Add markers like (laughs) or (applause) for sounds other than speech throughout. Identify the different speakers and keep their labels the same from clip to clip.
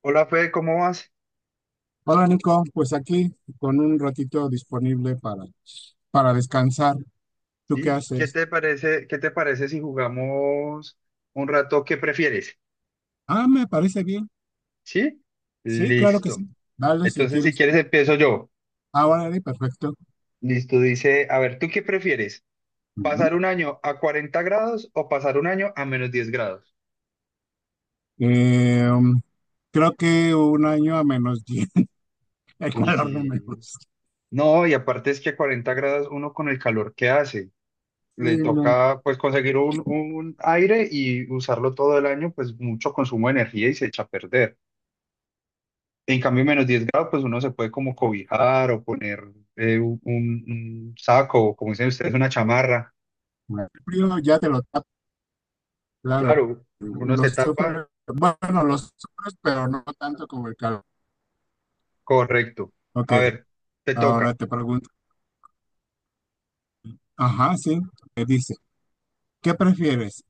Speaker 1: Hola Fede, ¿cómo vas?
Speaker 2: Hola Nico, pues aquí con un ratito disponible para descansar. ¿Tú qué
Speaker 1: Sí, ¿qué
Speaker 2: haces?
Speaker 1: te parece, qué te parece si jugamos un rato? ¿Qué prefieres?
Speaker 2: Ah, me parece bien.
Speaker 1: ¿Sí?
Speaker 2: Sí, claro que
Speaker 1: Listo.
Speaker 2: sí. Dale si
Speaker 1: Entonces, si
Speaker 2: quieres.
Speaker 1: quieres, empiezo yo.
Speaker 2: Ahora de perfecto.
Speaker 1: Listo, dice, a ver, ¿tú qué prefieres?
Speaker 2: Ujú.
Speaker 1: ¿Pasar un año a 40 grados o pasar un año a -10 grados?
Speaker 2: Eh, um, Creo que un año a menos 10. (laughs) El
Speaker 1: Uy,
Speaker 2: calor no me
Speaker 1: sí.
Speaker 2: gusta.
Speaker 1: No, y aparte es que a 40 grados uno con el calor que hace,
Speaker 2: Sí,
Speaker 1: le
Speaker 2: no.
Speaker 1: toca pues conseguir un aire y usarlo todo el año, pues mucho consumo de energía y se echa a perder. En cambio, -10 grados, pues uno se puede como cobijar o poner un saco, o como dicen ustedes, una chamarra.
Speaker 2: El frío ya te lo tapa, claro.
Speaker 1: Claro, uno
Speaker 2: Lo
Speaker 1: se tapa,
Speaker 2: sufres, bueno, lo sufres, pero no tanto como el calor.
Speaker 1: correcto.
Speaker 2: Ok,
Speaker 1: A ver, te
Speaker 2: ahora
Speaker 1: toca.
Speaker 2: te pregunto. Ajá, sí. Me dice, ¿qué prefieres?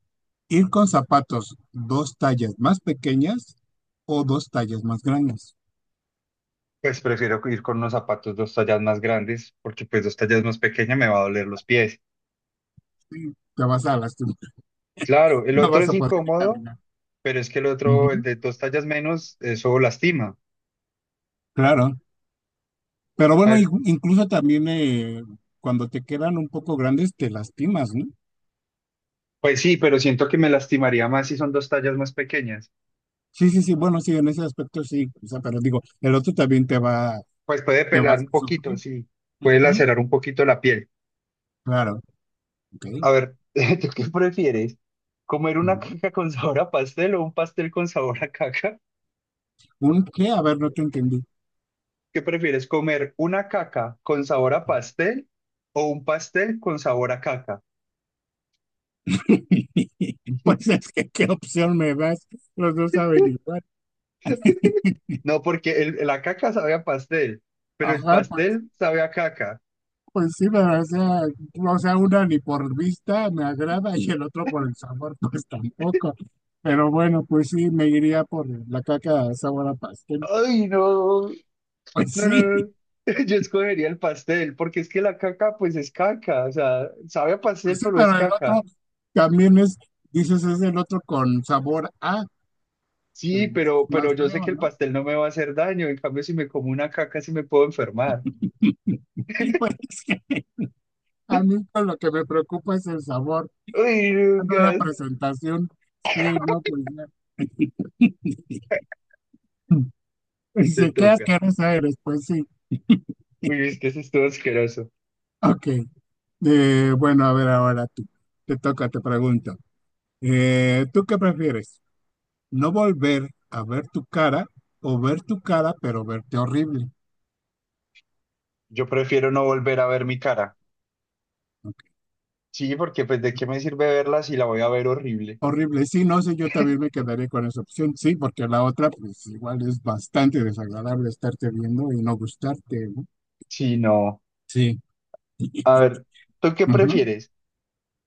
Speaker 2: Ir con zapatos dos tallas más pequeñas o dos tallas más grandes.
Speaker 1: Pues prefiero ir con unos zapatos 2 tallas más grandes, porque pues 2 tallas más pequeñas me va a doler los pies.
Speaker 2: Sí, te vas a lastimar, (laughs)
Speaker 1: Claro, el
Speaker 2: no
Speaker 1: otro
Speaker 2: vas
Speaker 1: es
Speaker 2: a poder
Speaker 1: incómodo,
Speaker 2: caminar.
Speaker 1: pero es que el otro, el
Speaker 2: Ujú,
Speaker 1: de 2 tallas menos, eso lastima.
Speaker 2: claro, pero
Speaker 1: A
Speaker 2: bueno,
Speaker 1: ver,
Speaker 2: incluso también cuando te quedan un poco grandes te lastimas, ¿no?
Speaker 1: pues sí, pero siento que me lastimaría más si son 2 tallas más pequeñas.
Speaker 2: Sí, sí, sí, bueno, sí, en ese aspecto sí, o sea, pero digo, el otro también
Speaker 1: Pues puede
Speaker 2: te va a
Speaker 1: pelar un
Speaker 2: hacer
Speaker 1: poquito,
Speaker 2: sufrir.
Speaker 1: sí, puede
Speaker 2: Ujú,
Speaker 1: lacerar un poquito la piel.
Speaker 2: claro, ok.
Speaker 1: A ver, (laughs) ¿tú qué prefieres? ¿Comer una
Speaker 2: Ujú.
Speaker 1: caca con sabor a pastel o un pastel con sabor a caca?
Speaker 2: ¿Un qué? A ver, no te entendí.
Speaker 1: ¿Qué prefieres? ¿Comer una caca con sabor a pastel o un pastel con sabor a caca?
Speaker 2: (laughs) Pues es que, ¿qué opción me das? Los dos saben igual. (laughs)
Speaker 1: No, porque la caca sabe a pastel, pero el
Speaker 2: Ajá, pues
Speaker 1: pastel sabe a caca.
Speaker 2: Pues sí, pero o sea, una ni por vista me agrada y el otro por el sabor, (laughs) pues tampoco. Pero bueno, pues sí, me iría por la caca sabor a pastel. (laughs)
Speaker 1: Ay, no,
Speaker 2: Pues
Speaker 1: no, no,
Speaker 2: sí,
Speaker 1: no. (laughs) Yo escogería el pastel, porque es que la caca, pues es caca, o sea, sabe a
Speaker 2: pues
Speaker 1: pastel,
Speaker 2: sí,
Speaker 1: pero es
Speaker 2: pero el otro
Speaker 1: caca.
Speaker 2: también es, dices, es el otro con sabor a, pues
Speaker 1: Sí, pero
Speaker 2: más
Speaker 1: yo sé
Speaker 2: feo,
Speaker 1: que el
Speaker 2: ¿no?
Speaker 1: pastel no me va a hacer daño, en cambio si me como una caca sí me puedo enfermar.
Speaker 2: (laughs) Y pues es que a mí pues, lo que me preocupa es el sabor,
Speaker 1: Uy,
Speaker 2: no la
Speaker 1: Lucas,
Speaker 2: presentación. Sí, no, pues ya. (laughs) Y
Speaker 1: te
Speaker 2: se queda
Speaker 1: toca.
Speaker 2: asquerosa eres, pues sí.
Speaker 1: Uy, es que eso estuvo asqueroso.
Speaker 2: Ok. Bueno, a ver ahora tú. Te toca, te pregunto. ¿Tú qué prefieres? ¿No volver a ver tu cara o ver tu cara pero verte horrible?
Speaker 1: Yo prefiero no volver a ver mi cara.
Speaker 2: Ok.
Speaker 1: Sí, porque pues de qué me sirve verla si la voy a ver horrible.
Speaker 2: Horrible. Sí, no sé, yo también me quedaría con esa opción. Sí, porque la otra pues igual es bastante desagradable estarte viendo y no gustarte, ¿no?
Speaker 1: Sí, no.
Speaker 2: Sí.
Speaker 1: A ver, ¿tú qué
Speaker 2: Ujú.
Speaker 1: prefieres?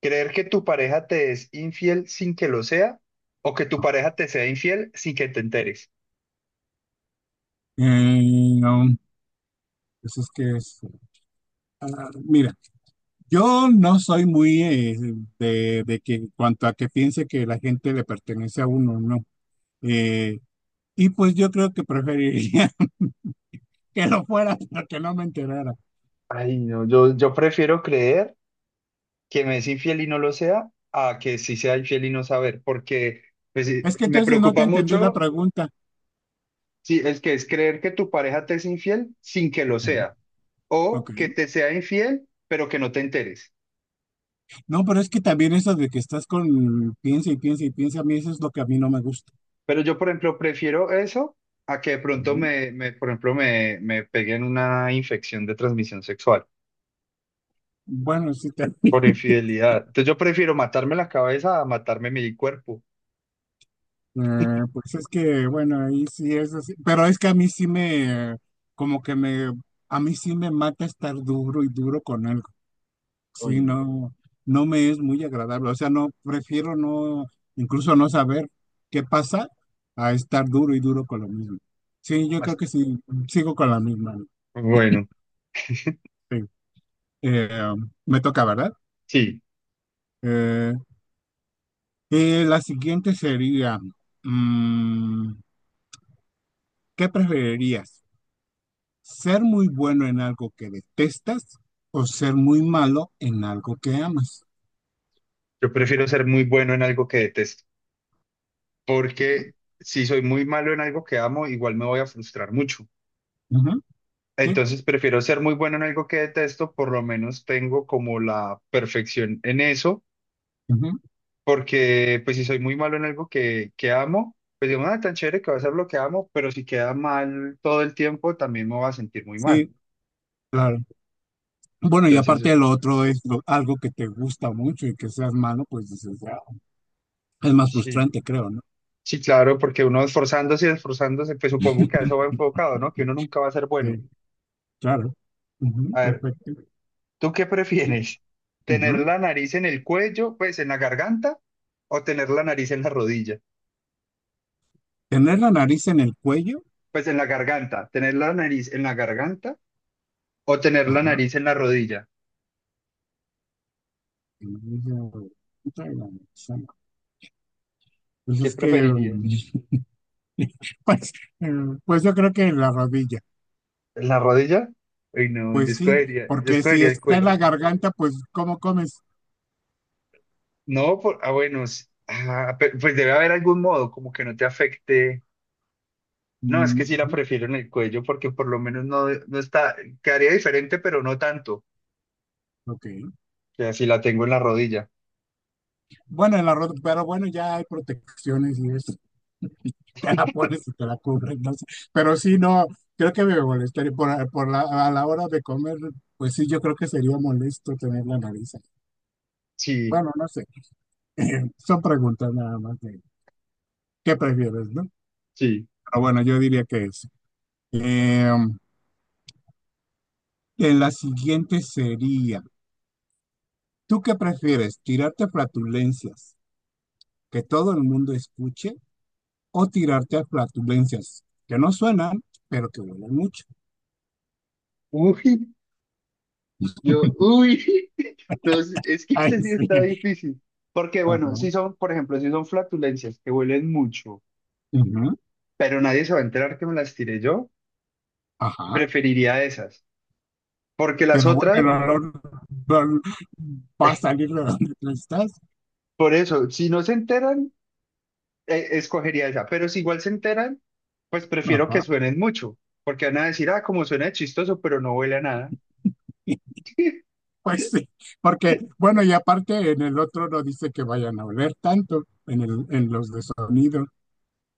Speaker 1: ¿Creer que tu pareja te es infiel sin que lo sea? ¿O que tu pareja te sea infiel sin que te enteres?
Speaker 2: Eh, um, pues es que es, ah, mira, yo no soy muy de que cuanto a que piense que la gente le pertenece a uno, no. Eh, y pues yo creo que preferiría (laughs) que lo fuera para que no me enterara.
Speaker 1: Ay, no, yo prefiero creer que me es infiel y no lo sea a que sí sea infiel y no saber, porque pues, sí,
Speaker 2: Es que
Speaker 1: me
Speaker 2: entonces no te
Speaker 1: preocupa
Speaker 2: entendí la
Speaker 1: mucho.
Speaker 2: pregunta.
Speaker 1: Sí, el que es creer que tu pareja te es infiel sin que lo
Speaker 2: Ujú.
Speaker 1: sea,
Speaker 2: Ok.
Speaker 1: o que te sea infiel, pero que no te enteres.
Speaker 2: No, pero es que también eso de que estás con piensa y piensa y piensa, a mí eso es lo que a mí no me gusta.
Speaker 1: Pero yo, por ejemplo, prefiero eso a que de pronto
Speaker 2: Ujú.
Speaker 1: por ejemplo, me peguen una infección de transmisión sexual
Speaker 2: Bueno, sí,
Speaker 1: por
Speaker 2: (laughs)
Speaker 1: infidelidad. Entonces yo prefiero matarme la cabeza a matarme mi cuerpo.
Speaker 2: pues es que, bueno, ahí sí es así. Pero es que a mí sí me, como que me, a mí sí me mata estar duro y duro con algo.
Speaker 1: Uy,
Speaker 2: Sí,
Speaker 1: no.
Speaker 2: no, no me es muy agradable. O sea, no, prefiero no, incluso no saber qué pasa a estar duro y duro con lo mismo. Sí, yo creo
Speaker 1: Mas-
Speaker 2: que sí, sigo con la misma.
Speaker 1: Bueno,
Speaker 2: Sí. Me toca, ¿verdad?
Speaker 1: sí,
Speaker 2: Eh, la siguiente sería, mm, ¿qué preferirías? ¿Ser muy bueno en algo que detestas o ser muy malo en algo que amas?
Speaker 1: yo prefiero ser muy bueno en algo que detesto, porque si soy muy malo en algo que amo, igual me voy a frustrar mucho.
Speaker 2: Ujú, sí,
Speaker 1: Entonces prefiero ser muy bueno en algo que detesto, por lo menos tengo como la perfección en eso,
Speaker 2: ujú,
Speaker 1: porque pues si soy muy malo en algo que amo, pues digo, nada, tan chévere que va a ser lo que amo, pero si queda mal todo el tiempo, también me va a sentir muy mal.
Speaker 2: sí, claro. Bueno, y
Speaker 1: Entonces,
Speaker 2: aparte de lo otro es algo que te gusta mucho y que seas malo, pues dices, "Ah, es más
Speaker 1: sí,
Speaker 2: frustrante, creo, ¿no?
Speaker 1: sí, claro, porque uno esforzándose y esforzándose, pues supongo que a eso va enfocado, ¿no? Que uno nunca va a ser bueno.
Speaker 2: Sí, claro. Ujú,
Speaker 1: A ver,
Speaker 2: perfecto.
Speaker 1: ¿tú qué
Speaker 2: Sí,
Speaker 1: prefieres?
Speaker 2: ujú.
Speaker 1: ¿Tener la nariz en el cuello, pues en la garganta, o tener la nariz en la rodilla?
Speaker 2: Tener la nariz en el cuello.
Speaker 1: Pues en la garganta, tener la nariz en la garganta o tener la
Speaker 2: Ajá.
Speaker 1: nariz en la rodilla.
Speaker 2: Nariz en punta de la nariz, ah, no. Pues
Speaker 1: ¿Qué
Speaker 2: es que,
Speaker 1: preferirías?
Speaker 2: (laughs) pues, eh, pues yo creo que en la rodilla.
Speaker 1: ¿En la rodilla? Uy, no,
Speaker 2: Pues sí,
Speaker 1: yo
Speaker 2: porque si
Speaker 1: escogería el
Speaker 2: está en
Speaker 1: cuello.
Speaker 2: la garganta, pues ¿cómo comes?
Speaker 1: No, ah, bueno, ah, pues debe haber algún modo como que no te afecte. No, es
Speaker 2: Mm,
Speaker 1: que sí la
Speaker 2: ujú,
Speaker 1: prefiero en el cuello porque por lo menos no, no está, quedaría diferente, pero no tanto
Speaker 2: ok.
Speaker 1: que así la tengo en la rodilla.
Speaker 2: Bueno, en la rodilla, pero bueno, ya hay protecciones y eso. (laughs) Te la pones y te la cubren, no sé. Pero sí, no, creo que me molestaría por la, a la hora de comer, pues sí, yo creo que sería molesto tener la nariz ahí.
Speaker 1: Sí,
Speaker 2: Bueno, no sé, (laughs) son preguntas nada más de qué prefieres, ¿no?
Speaker 1: sí.
Speaker 2: Pero bueno, yo diría que es. La siguiente sería, ¿tú qué prefieres? ¿Tirarte a flatulencias que todo el mundo escuche o tirarte a flatulencias que no suenan, pero que huelen mucho? (laughs)
Speaker 1: Uy, Yo, uy, (laughs) no, es que
Speaker 2: Ay,
Speaker 1: este sí
Speaker 2: sí.
Speaker 1: está difícil. Porque, bueno,
Speaker 2: Ajá.
Speaker 1: si son, por ejemplo, si son flatulencias que huelen mucho,
Speaker 2: Ujú.
Speaker 1: pero nadie se va a enterar que me las tiré yo,
Speaker 2: Ajá.
Speaker 1: preferiría esas. Porque las
Speaker 2: Pero
Speaker 1: otras,
Speaker 2: bueno, el olor va
Speaker 1: (laughs)
Speaker 2: va a
Speaker 1: eh,
Speaker 2: salir de donde tú estás.
Speaker 1: por eso, si no se enteran, escogería esa. Pero si igual se enteran, pues prefiero que
Speaker 2: Ajá.
Speaker 1: suenen mucho. Porque van a decir, ah, como suena chistoso, pero no huele a nada.
Speaker 2: (laughs)
Speaker 1: (laughs)
Speaker 2: Pues sí, porque, bueno, y aparte en el otro no dice que vayan a oler tanto en los de sonido.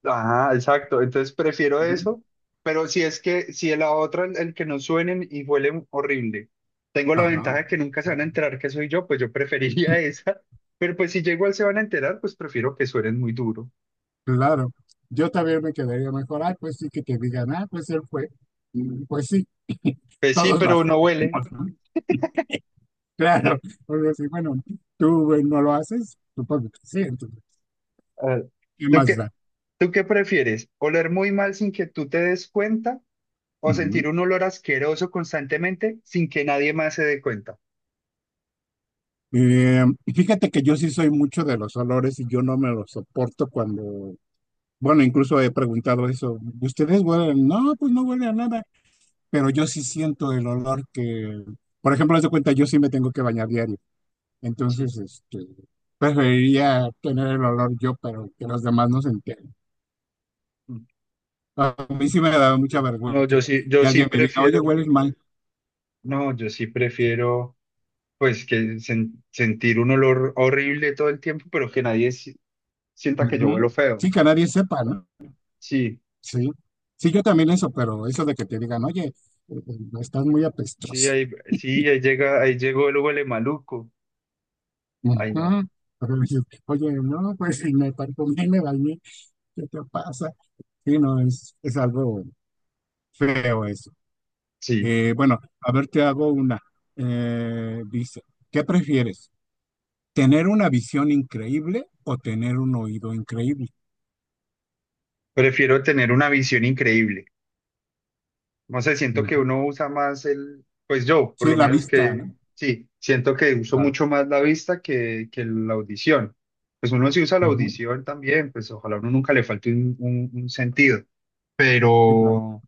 Speaker 1: Ajá, exacto. Entonces prefiero
Speaker 2: Ujú.
Speaker 1: eso, pero si es que, si la otra, el que no suenen y huelen horrible, tengo la
Speaker 2: Ajá,
Speaker 1: ventaja de que nunca se van a enterar que soy yo, pues yo preferiría (laughs) esa. Pero pues si ya igual se van a enterar, pues prefiero que suenen muy duro.
Speaker 2: claro. Yo también me quedaría mejor, ah, pues sí, que te digan, ah, pues él fue. Mm, pues sí,
Speaker 1: Pues sí,
Speaker 2: todos lo
Speaker 1: pero no huele.
Speaker 2: hacemos, ¿no? (laughs) Claro. Bueno, sí, bueno, tú no lo haces, supongo que sí, entonces,
Speaker 1: Ah,
Speaker 2: ¿qué
Speaker 1: ¿Tú
Speaker 2: más
Speaker 1: qué,
Speaker 2: da?
Speaker 1: tú qué prefieres? ¿Oler muy mal sin que tú te des cuenta o sentir un olor asqueroso constantemente sin que nadie más se dé cuenta?
Speaker 2: Y fíjate que yo sí soy mucho de los olores y yo no me los soporto cuando, bueno, incluso he preguntado eso, ¿ustedes huelen? No, pues no huele a nada, pero yo sí siento el olor que, por ejemplo, haz de cuenta, yo sí me tengo que bañar diario,
Speaker 1: Sí.
Speaker 2: entonces, este, preferiría tener el olor yo, pero que los demás no se enteren.
Speaker 1: Mm,
Speaker 2: A mí sí
Speaker 1: mm,
Speaker 2: me da mucha
Speaker 1: ya.
Speaker 2: vergüenza
Speaker 1: No, yo
Speaker 2: que,
Speaker 1: sí, yo
Speaker 2: que
Speaker 1: sí
Speaker 2: alguien me diga, oye,
Speaker 1: prefiero.
Speaker 2: hueles mal.
Speaker 1: No, yo sí prefiero. Pues que sentir un olor horrible todo el tiempo, pero que nadie sienta que yo huelo
Speaker 2: Ujú.
Speaker 1: feo.
Speaker 2: Sí, que nadie sepa, ¿no?
Speaker 1: Sí,
Speaker 2: Sí, sí, yo también eso, pero eso de que te digan, oye, eh, estás muy apestoso.
Speaker 1: sí, ahí llega, ahí llegó el huele maluco.
Speaker 2: Ujú.
Speaker 1: Ay, no,
Speaker 2: (laughs) Pero dices, oye, no, pues si me parfumé, me bañé, ¿qué te pasa? Sí, no, es algo feo eso.
Speaker 1: sí.
Speaker 2: Bueno, a ver, te hago una. Dice, ¿qué prefieres? ¿Tener una visión increíble o tener un oído increíble?
Speaker 1: Prefiero tener una visión increíble. No sé, siento que
Speaker 2: Ujú.
Speaker 1: uno usa más pues yo, por
Speaker 2: Sí,
Speaker 1: lo
Speaker 2: la
Speaker 1: menos
Speaker 2: vista,
Speaker 1: que,
Speaker 2: ¿no?
Speaker 1: sí, siento que uso
Speaker 2: Claro.
Speaker 1: mucho más la vista que, la audición. Pues uno sí usa la
Speaker 2: Ujú.
Speaker 1: audición también, pues ojalá a uno nunca le falte un sentido,
Speaker 2: Sí, claro.
Speaker 1: pero...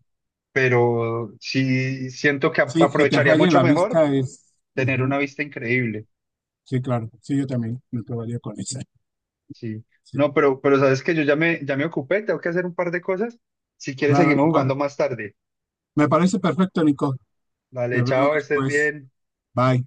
Speaker 1: pero sí siento que
Speaker 2: Sí, que te
Speaker 1: aprovecharía
Speaker 2: falle
Speaker 1: mucho
Speaker 2: la
Speaker 1: mejor
Speaker 2: vista es.
Speaker 1: tener
Speaker 2: Ujú.
Speaker 1: una vista increíble.
Speaker 2: Sí, claro. Sí, yo también me quedaría con esa.
Speaker 1: Sí.
Speaker 2: Sí.
Speaker 1: No, pero sabes que yo ya me ocupé, tengo que hacer un par de cosas. Si quieres,
Speaker 2: Claro,
Speaker 1: seguimos
Speaker 2: Nico.
Speaker 1: jugando más tarde.
Speaker 2: Me parece perfecto, Nico.
Speaker 1: Vale,
Speaker 2: Te veo
Speaker 1: chao, estés
Speaker 2: después.
Speaker 1: bien.
Speaker 2: Bye.